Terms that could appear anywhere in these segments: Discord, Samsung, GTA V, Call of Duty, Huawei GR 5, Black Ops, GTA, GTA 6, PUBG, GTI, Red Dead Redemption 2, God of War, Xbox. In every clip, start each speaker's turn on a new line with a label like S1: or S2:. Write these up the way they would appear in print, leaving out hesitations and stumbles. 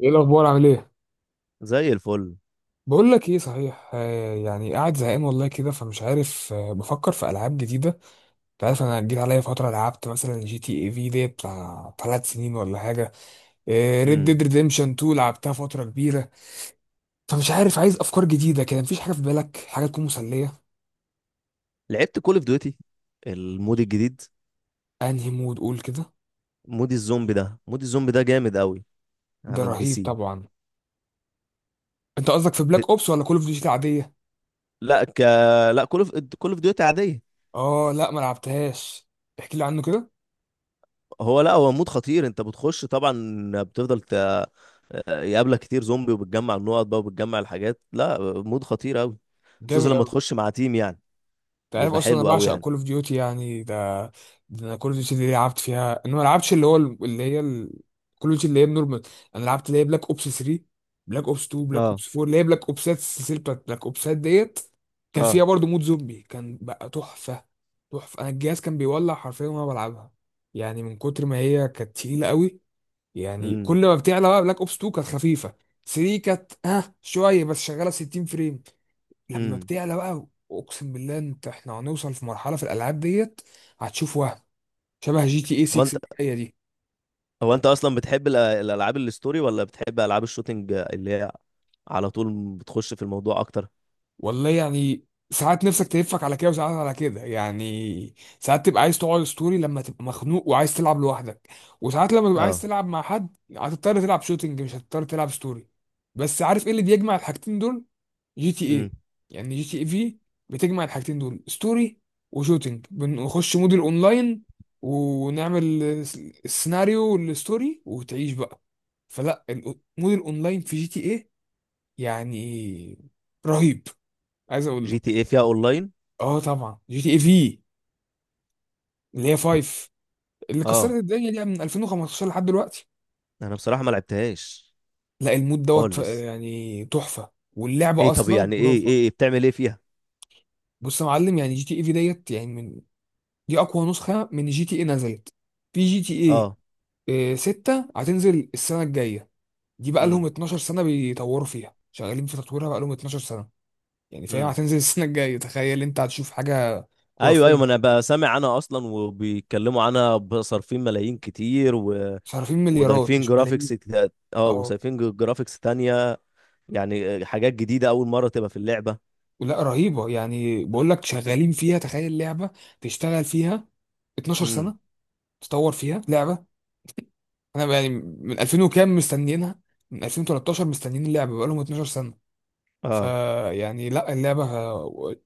S1: ايه الاخبار؟ عامل ايه؟
S2: زي الفل.
S1: بقول لك ايه صحيح. يعني قاعد زهقان والله كده، فمش عارف، بفكر في العاب جديده. انت عارف انا جيت عليا فتره لعبت مثلا جي تي اي في دي بتاع 3 سنين ولا حاجه. ريد
S2: امم
S1: ديد ريديمشن 2 لعبتها فتره كبيره. فمش عارف، عايز افكار جديده كده، مفيش حاجه في بالك حاجه تكون مسليه؟
S2: لعبت كول اوف ديوتي، المود الجديد.
S1: انهي مود؟ قول كده.
S2: مود الزومبي ده جامد قوي
S1: ده
S2: على البي
S1: رهيب
S2: سي.
S1: طبعا. انت قصدك في
S2: ب...
S1: بلاك اوبس ولا كول اوف ديوتي عاديه؟
S2: لا ك لا كول اوف كول اوف ديوتي عاديه.
S1: اه لا ما لعبتهاش. احكي لي عنه كده.
S2: هو لا هو مود خطير. انت بتخش طبعا، بتفضل ت... آه، يقابلك كتير زومبي، وبتجمع النقط بقى، وبتجمع الحاجات، لا مود خطير قوي، خصوصا لما
S1: جامد.
S2: تخش مع تيم يعني،
S1: انت عارف
S2: بيبقى
S1: اصلا انا
S2: حلو قوي
S1: بعشق
S2: يعني.
S1: كول اوف ديوتي يعني ده. ده انا كول اوف ديوتي دي لعبت فيها، انا ما لعبتش اللي هو اللي هي كول اوف ديوتي اللي هي نورمال. انا لعبت اللي هي بلاك اوبس 3، بلاك اوبس 2، بلاك
S2: اه،
S1: اوبس 4، اللي هي بلاك اوبسات، السلسله بتاعت بلاك اوبسات ديت. كان فيها
S2: اه.
S1: برضه مود زومبي كان بقى تحفه. تحفه. انا الجهاز كان بيولع حرفيا وانا بلعبها، يعني من كتر ما هي كانت تقيله قوي. يعني
S2: امم
S1: كل ما بتعلى بقى، بلاك اوبس 2 كانت خفيفه، 3 كانت ها شويه بس شغاله 60 فريم. لما
S2: امم
S1: بتعلى بقى، اقسم بالله، انت احنا هنوصل في مرحله في الالعاب ديت هتشوف وهم، شبه جي تي اي
S2: هو
S1: 6
S2: انت
S1: اللي هي دي.
S2: هو انت اصلا بتحب الالعاب الستوري ولا بتحب العاب الشوتينج اللي هي على طول بتخش في الموضوع اكتر؟
S1: والله يعني ساعات نفسك تلفك على كده وساعات على كده، يعني ساعات تبقى عايز تقعد ستوري لما تبقى مخنوق وعايز تلعب لوحدك، وساعات لما تبقى عايز
S2: اه.
S1: تلعب مع حد هتضطر تلعب شوتينج، مش هتضطر تلعب ستوري. بس عارف ايه اللي بيجمع الحاجتين دول؟ جي تي
S2: امم
S1: ايه. يعني جي تي ايه في بتجمع الحاجتين دول، ستوري وشوتينج. بنخش مود الاونلاين ونعمل السيناريو والستوري وتعيش بقى. فلا، مود الاونلاين في جي تي ايه يعني رهيب. عايز اقول
S2: جي تي
S1: لك،
S2: اي فيها اونلاين؟
S1: اه طبعا جي تي ايه في اللي هي 5، اللي كسرت
S2: اه،
S1: الدنيا دي من 2015 لحد دلوقتي.
S2: انا بصراحة ما لعبتهاش
S1: لا المود دوت
S2: خالص.
S1: يعني تحفة، واللعبة
S2: ايه؟ طب
S1: اصلا
S2: يعني، ايه ايه
S1: خرافة.
S2: إيه؟ بتعمل ايه فيها؟
S1: بص يا معلم، يعني جي تي ايه في ديت يعني من، دي اقوى نسخه من جي تي اي نزلت. في جي تي
S2: اه.
S1: اي 6 هتنزل السنه الجايه. دي بقى
S2: امم
S1: لهم 12 سنه بيطوروا فيها، شغالين في تطويرها بقى لهم 12 سنه. يعني فهي
S2: امم
S1: هتنزل السنه الجايه. تخيل انت هتشوف حاجه
S2: ايوه، ايوه،
S1: خرافيه.
S2: ما انا بسمع عنها اصلا وبيتكلموا عنها، بصرفين ملايين كتير و...
S1: صارفين مليارات مش ملايين.
S2: اه،
S1: اه
S2: جرافيكس تانية، يعني حاجات جديدة اول مرة تبقى في اللعبة.
S1: لا رهيبه، يعني بقول لك شغالين فيها، تخيل لعبه تشتغل فيها 12
S2: امم
S1: سنه، تطور فيها لعبه. انا يعني من 2000 وكام مستنيينها، من 2013 مستنيين اللعبه، بقى لهم 12 سنه.
S2: اه،
S1: فيعني لا اللعبة،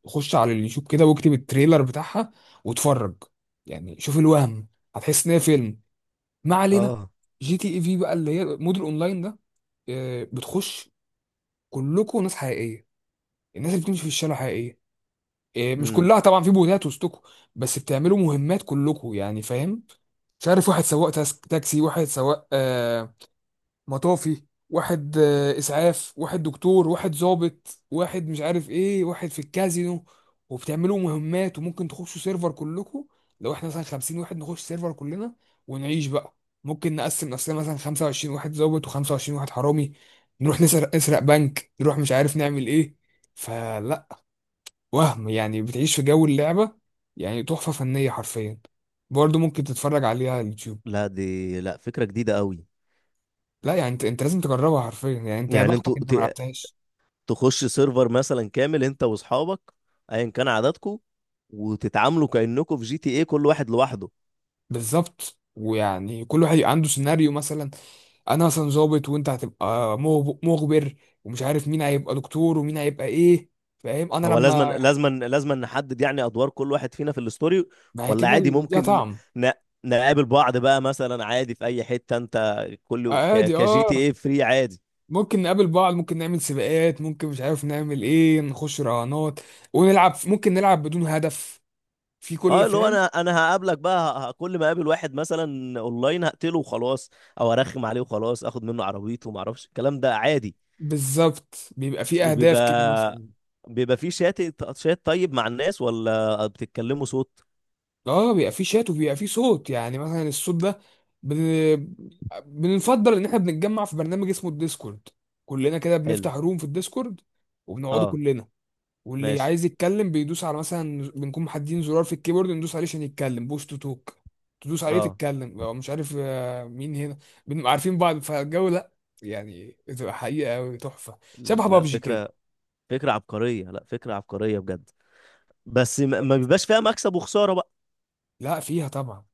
S1: خش على اليوتيوب كده واكتب التريلر بتاعها واتفرج، يعني شوف الوهم، هتحس ان هي فيلم. ما علينا.
S2: اه.
S1: جي تي اي في بقى اللي هي مود الاونلاين ده، بتخش كلكم ناس حقيقية. الناس اللي بتمشي في الشارع حقيقية، مش
S2: امم
S1: كلها طبعا، في بوتات وسطكم، بس بتعملوا مهمات كلكم يعني، فاهم؟ مش عارف، واحد سواق تاكسي، واحد سواق آه، مطافي، واحد اسعاف، واحد دكتور، واحد ضابط، واحد مش عارف ايه، واحد في الكازينو، وبتعملوا مهمات. وممكن تخشوا سيرفر كلكم، لو احنا مثلا 50 واحد نخش سيرفر كلنا ونعيش بقى. ممكن نقسم نفسنا مثلا 25 واحد ضابط و25 واحد حرامي، نروح نسرق، نسرق بنك، نروح مش عارف نعمل ايه. فلا، وهم، يعني بتعيش في جو اللعبة يعني تحفة فنية حرفيا. برضه ممكن تتفرج عليها على اليوتيوب.
S2: لا، دي لا فكرة جديدة قوي.
S1: لا يعني انت لازم تجربها حرفيا. يعني انت يا
S2: يعني
S1: بختك
S2: انتوا
S1: انت ما لعبتهاش.
S2: تخش سيرفر مثلا كامل انت واصحابك، ايا كان عددكم، وتتعاملوا كأنكم في جي تي ايه كل واحد لوحده؟
S1: بالظبط، ويعني كل واحد يبقى عنده سيناريو مثلا. انا مثلا ظابط، وانت هتبقى مخبر، ومش عارف مين هيبقى دكتور ومين هيبقى ايه. فاهم انا
S2: هو لازما
S1: لما،
S2: لازما لازما نحدد يعني ادوار كل واحد فينا في الستوري،
S1: ما هي
S2: ولا
S1: كده
S2: عادي
S1: اللي ليها
S2: ممكن
S1: طعم.
S2: ن... نقابل بعض بقى مثلا عادي في اي حتة انت، كل
S1: عادي
S2: كجي تي
S1: اه،
S2: ايه فري عادي؟
S1: ممكن نقابل بعض، ممكن نعمل سباقات، ممكن مش عارف نعمل ايه، نخش رهانات ونلعب، ممكن نلعب بدون هدف، في كل،
S2: اه، اللي هو
S1: فاهم؟
S2: انا هقابلك بقى، كل ما اقابل واحد مثلا اونلاين هقتله وخلاص، او ارخم عليه وخلاص اخد منه عربيته وما اعرفش الكلام ده عادي.
S1: بالظبط، بيبقى في اهداف كده
S2: بيبقى
S1: مثلا.
S2: بيبقى في شات، شات طيب مع الناس ولا بتتكلموا صوت؟
S1: اه بيبقى فيه شات وبيبقى فيه صوت. يعني مثلا الصوت ده، بن... بنفضل ان احنا بنتجمع في برنامج اسمه الديسكورد. كلنا كده
S2: حلو.
S1: بنفتح روم في الديسكورد، وبنقعدوا
S2: اه.
S1: كلنا، واللي
S2: ماشي.
S1: عايز يتكلم بيدوس على، مثلا بنكون محددين زرار في الكيبورد ندوس عليه عشان يتكلم، بوش تو توك. تدوس عليه
S2: اه.
S1: تتكلم، لو مش عارف مين هنا، بنبقى عارفين بعض فالجو. لا يعني بتبقى حقيقة أوي، تحفة. شبه
S2: لا،
S1: بابجي كده.
S2: فكرة. فكرة عبقرية لا فكرة عبقرية بجد. بس ما بيبقاش فيها مكسب وخسارة بقى؟
S1: لا فيها طبعا.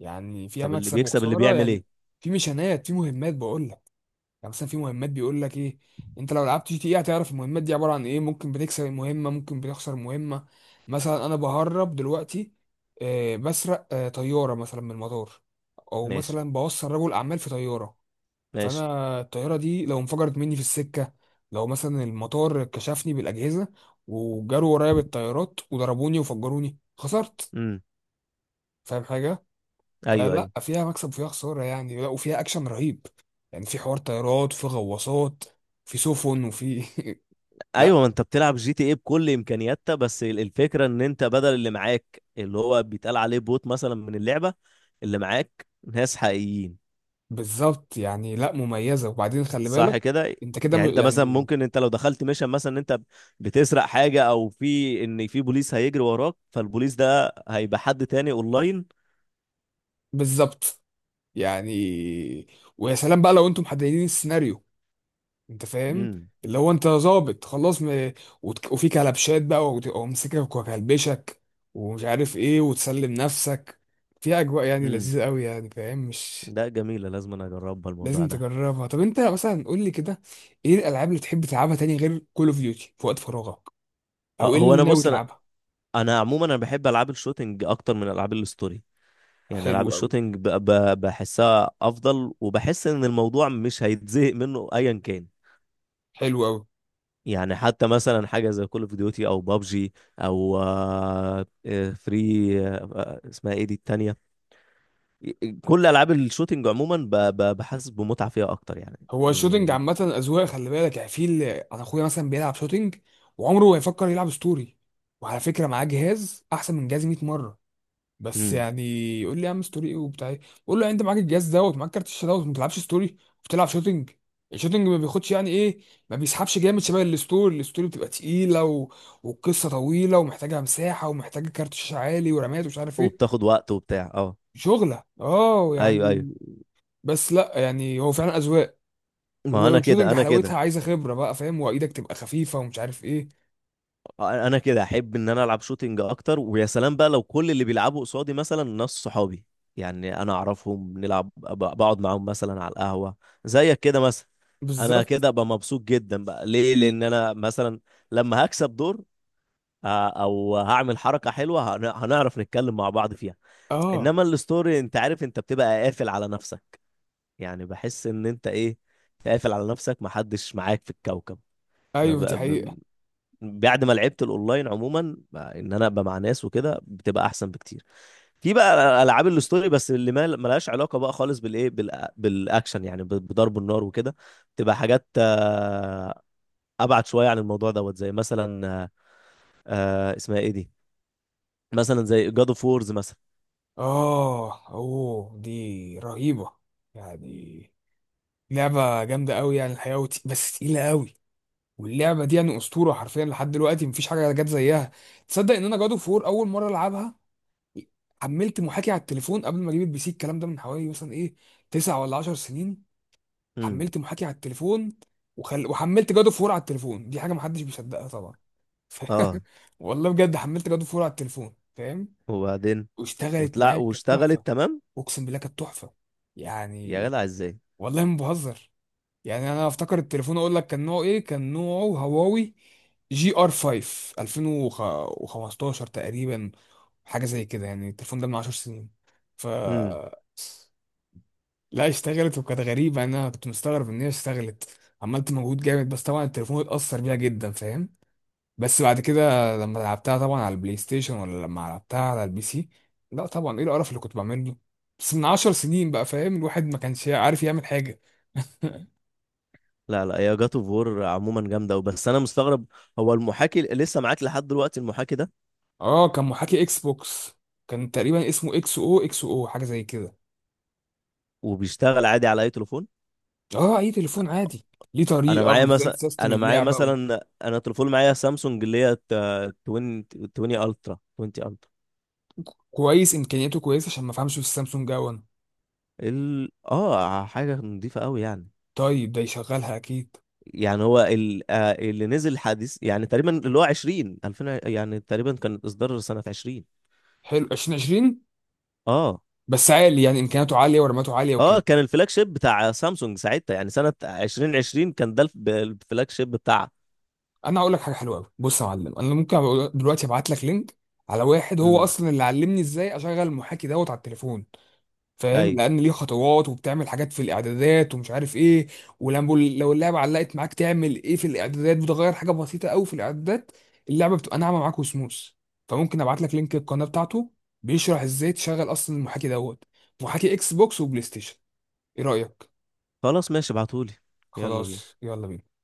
S1: يعني فيها
S2: طب اللي
S1: مكسب
S2: بيكسب اللي
S1: وخسارة
S2: بيعمل
S1: يعني.
S2: ايه؟
S1: في ميشنات، في مهمات بقول لك. يعني مثلا في مهمات بيقول لك ايه، انت لو لعبت جي تي ايه هتعرف المهمات دي عباره عن ايه. ممكن بتكسب المهمه، ممكن بتخسر مهمه. مثلا انا بهرب دلوقتي، بسرق طياره مثلا من المطار. او
S2: ماشي،
S1: مثلا بوصل رجل اعمال في طياره.
S2: ماشي.
S1: فانا الطياره دي لو انفجرت مني في السكه، لو مثلا المطار كشفني بالاجهزه وجروا ورايا بالطيارات وضربوني وفجروني، خسرت.
S2: امم
S1: فاهم حاجه؟
S2: ايوه،
S1: فلا
S2: ايوه،
S1: فيها مكسب وفيها خسارة يعني. لا وفيها أكشن رهيب. يعني في حوار طيارات، في غواصات، في سفن، وفي لا
S2: ايوه، ما انت بتلعب جي تي ايه بكل امكانياتها، بس الفكرة ان انت بدل اللي معاك، اللي هو بيتقال عليه بوت مثلا من اللعبة، اللي معاك ناس حقيقيين.
S1: بالظبط، يعني لا مميزة. وبعدين خلي
S2: صح
S1: بالك،
S2: كده؟
S1: أنت كده
S2: يعني انت مثلا
S1: يعني.
S2: ممكن انت لو دخلت ميشن مثلا ان انت بتسرق حاجه، او في ان في بوليس هيجري وراك، فالبوليس ده هيبقى حد تاني اونلاين؟
S1: بالظبط يعني، ويا سلام بقى لو أنتم محددين السيناريو، أنت فاهم؟
S2: امم
S1: اللي هو أنت ظابط خلاص، وفي كلبشات بقى، ومسكك وكلبشك، ومش عارف إيه وتسلم نفسك. فيها أجواء يعني
S2: امم
S1: لذيذة أوي، يعني فاهم مش؟
S2: ده جميله، لازم انا اجربها الموضوع
S1: لازم
S2: ده.
S1: تجربها. طب انت مثلا قول لي كده، ايه الالعاب اللي تحب تلعبها تاني غير كول اوف ديوتي في وقت فراغك؟
S2: اه،
S1: او ايه
S2: هو
S1: اللي
S2: انا
S1: ناوي
S2: بص، انا
S1: تلعبها؟
S2: انا عموما انا بحب العاب الشوتينج اكتر من العاب الستوري. يعني
S1: حلو
S2: العاب
S1: قوي،
S2: الشوتينج بحسها افضل، وبحس ان الموضوع مش هيتزهق منه ايا كان.
S1: حلو قوي.
S2: يعني حتى مثلا حاجه زي كول اوف ديوتي او بابجي، او فري، آه، اسمها ايه دي التانية؟ كل العاب الشوتينج عموما بحس بمتعه فيها اكتر يعني.
S1: هو الشوتينج
S2: إيه.
S1: عامه اذواق، خلي بالك. يعني في اللي، انا اخويا مثلا بيلعب شوتينج وعمره ما يفكر يلعب ستوري. وعلى فكره معاه جهاز احسن من جهازي 100 مره، بس
S2: امم
S1: يعني يقول لي يا عم ستوري ايه وبتاع ايه. بقول له يعني انت معاك الجهاز دوت، معاك كارت الشاشه دوت، ما بتلعبش ستوري وبتلعب شوتنج. الشوتنج ما بياخدش يعني ايه، ما بيسحبش جامد شبه الستوري. الستوري بتبقى تقيله والقصه طويله ومحتاجه مساحه ومحتاجه كارت شاشه عالي ورامات ومش عارف ايه،
S2: وبتاخد وقت وبتاع، اه،
S1: شغله اه
S2: ايوه، ايوه.
S1: يعني. بس لا يعني هو فعلا اذواق.
S2: ما انا كده،
S1: والشوتنج
S2: انا
S1: حلاوتها
S2: كده
S1: عايزه خبره بقى، فاهم؟ وايدك تبقى خفيفه ومش عارف ايه.
S2: انا كده احب ان انا العب شوتينج اكتر، ويا سلام بقى لو كل اللي بيلعبوا قصادي مثلا ناس صحابي، يعني انا اعرفهم، نلعب، بقعد معاهم مثلا على القهوه، زيك كده مثلا. انا
S1: بالظبط.
S2: كده ابقى مبسوط جدا بقى، ليه؟ لان انا مثلا لما هكسب دور، او هعمل حركه حلوه، هنعرف نتكلم مع بعض فيها.
S1: اه
S2: انما الستوري انت عارف انت بتبقى قافل على نفسك. يعني بحس ان انت ايه، قافل على نفسك، محدش معاك في الكوكب. ما
S1: ايوه دي
S2: بقى
S1: حقيقه.
S2: بعد ما لعبت الاونلاين عموما، بقى ان انا ابقى مع ناس وكده بتبقى احسن بكتير. في بقى العاب الاستوري بس اللي ما ملهاش علاقه بقى خالص بالايه، بالاكشن، يعني بضرب النار وكده. بتبقى حاجات ابعد شويه عن الموضوع دوت، زي مثلا، اسمها ايه دي؟ مثلا زي جاد اوف وورز مثلا.
S1: اه اوه دي رهيبة، يعني لعبة جامدة قوي يعني الحقيقة بس تقيلة قوي. واللعبة دي يعني أسطورة حرفيا لحد دلوقتي، مفيش حاجة جت زيها. تصدق إن أنا جادو فور أول مرة ألعبها حملت محاكي على التليفون قبل ما أجيب البي سي؟ الكلام ده من حوالي مثلا إيه، 9 ولا 10 سنين.
S2: امم
S1: حملت محاكي على التليفون، وحملت جادو فور على التليفون. دي حاجة محدش بيصدقها طبعا. ف...
S2: اه،
S1: والله بجد حملت جادو فور على التليفون، فاهم؟
S2: وبعدين.
S1: واشتغلت
S2: وطلع
S1: معايا، كانت تحفة.
S2: واشتغلت تمام.
S1: اقسم بالله كانت تحفه
S2: يا
S1: يعني.
S2: جدع ازاي؟
S1: والله ما بهزر، يعني انا افتكر التليفون اقول لك كان نوعه ايه، كان نوعه هواوي جي ار 5 2015 تقريبا، حاجه زي كده. يعني التليفون ده من 10 سنين. ف
S2: امم
S1: لا اشتغلت وكانت غريبه، انا كنت مستغرب ان هي اشتغلت، عملت مجهود جامد، بس طبعا التليفون اتاثر بيها جدا، فاهم؟ بس بعد كده لما لعبتها طبعا على البلاي ستيشن، ولا لما لعبتها على البي سي، لا طبعا، ايه القرف اللي كنت بعمله. بس من 10 سنين بقى، فاهم؟ الواحد ما كانش عارف يعمل حاجة.
S2: لا، لا، يا جاد اوف وور عموما جامده، وبس انا مستغرب، هو المحاكي لسه معاك لحد دلوقتي المحاكي ده؟
S1: اه كان محاكي اكس بوكس. كان تقريبا اسمه اكس او اكس او حاجة زي كده.
S2: وبيشتغل عادي على اي تليفون؟
S1: اه اي تليفون عادي، ليه طريقة وازاي تسيستم اللعبة و...
S2: انا تليفون معايا سامسونج، اللي هي 20، 20 الترا.
S1: كويس، امكانياته كويسة عشان ما فهمش في السامسونج اون.
S2: اه، حاجه نظيفه قوي يعني.
S1: طيب ده يشغلها اكيد.
S2: يعني هو آه، اللي نزل حديث، يعني تقريبا، اللي هو 20، 2000، يعني تقريبا كان اصدار سنه 20.
S1: حلو 2020.
S2: اه،
S1: بس عالي يعني، امكانياته عالية ورماته عالية
S2: اه.
S1: وكده.
S2: كان الفلاج شيب بتاع سامسونج ساعتها، يعني سنه 2020 كان ده الفلاج شيب بتاعها.
S1: انا هقول لك حاجه حلوه قوي. بص يا معلم، انا ممكن أبقى دلوقتي ابعت لك لينك على واحد هو
S2: امم
S1: اصلا اللي علمني ازاي اشغل المحاكي دوت على التليفون. فاهم،
S2: ايوه،
S1: لان ليه خطوات وبتعمل حاجات في الاعدادات ومش عارف ايه. ولما لو اللعبه علقت معاك تعمل ايه في الاعدادات، بتغير حاجه بسيطه قوي في الاعدادات، اللعبه بتبقى ناعمه معاك وسموث. فممكن ابعت لك لينك القناه بتاعته، بيشرح ازاي تشغل اصلا المحاكي دوت، محاكي اكس بوكس وبلاي ستيشن. ايه رايك؟
S2: خلاص، ماشي، ابعتهولي. يلا
S1: خلاص
S2: بينا.
S1: يلا بينا.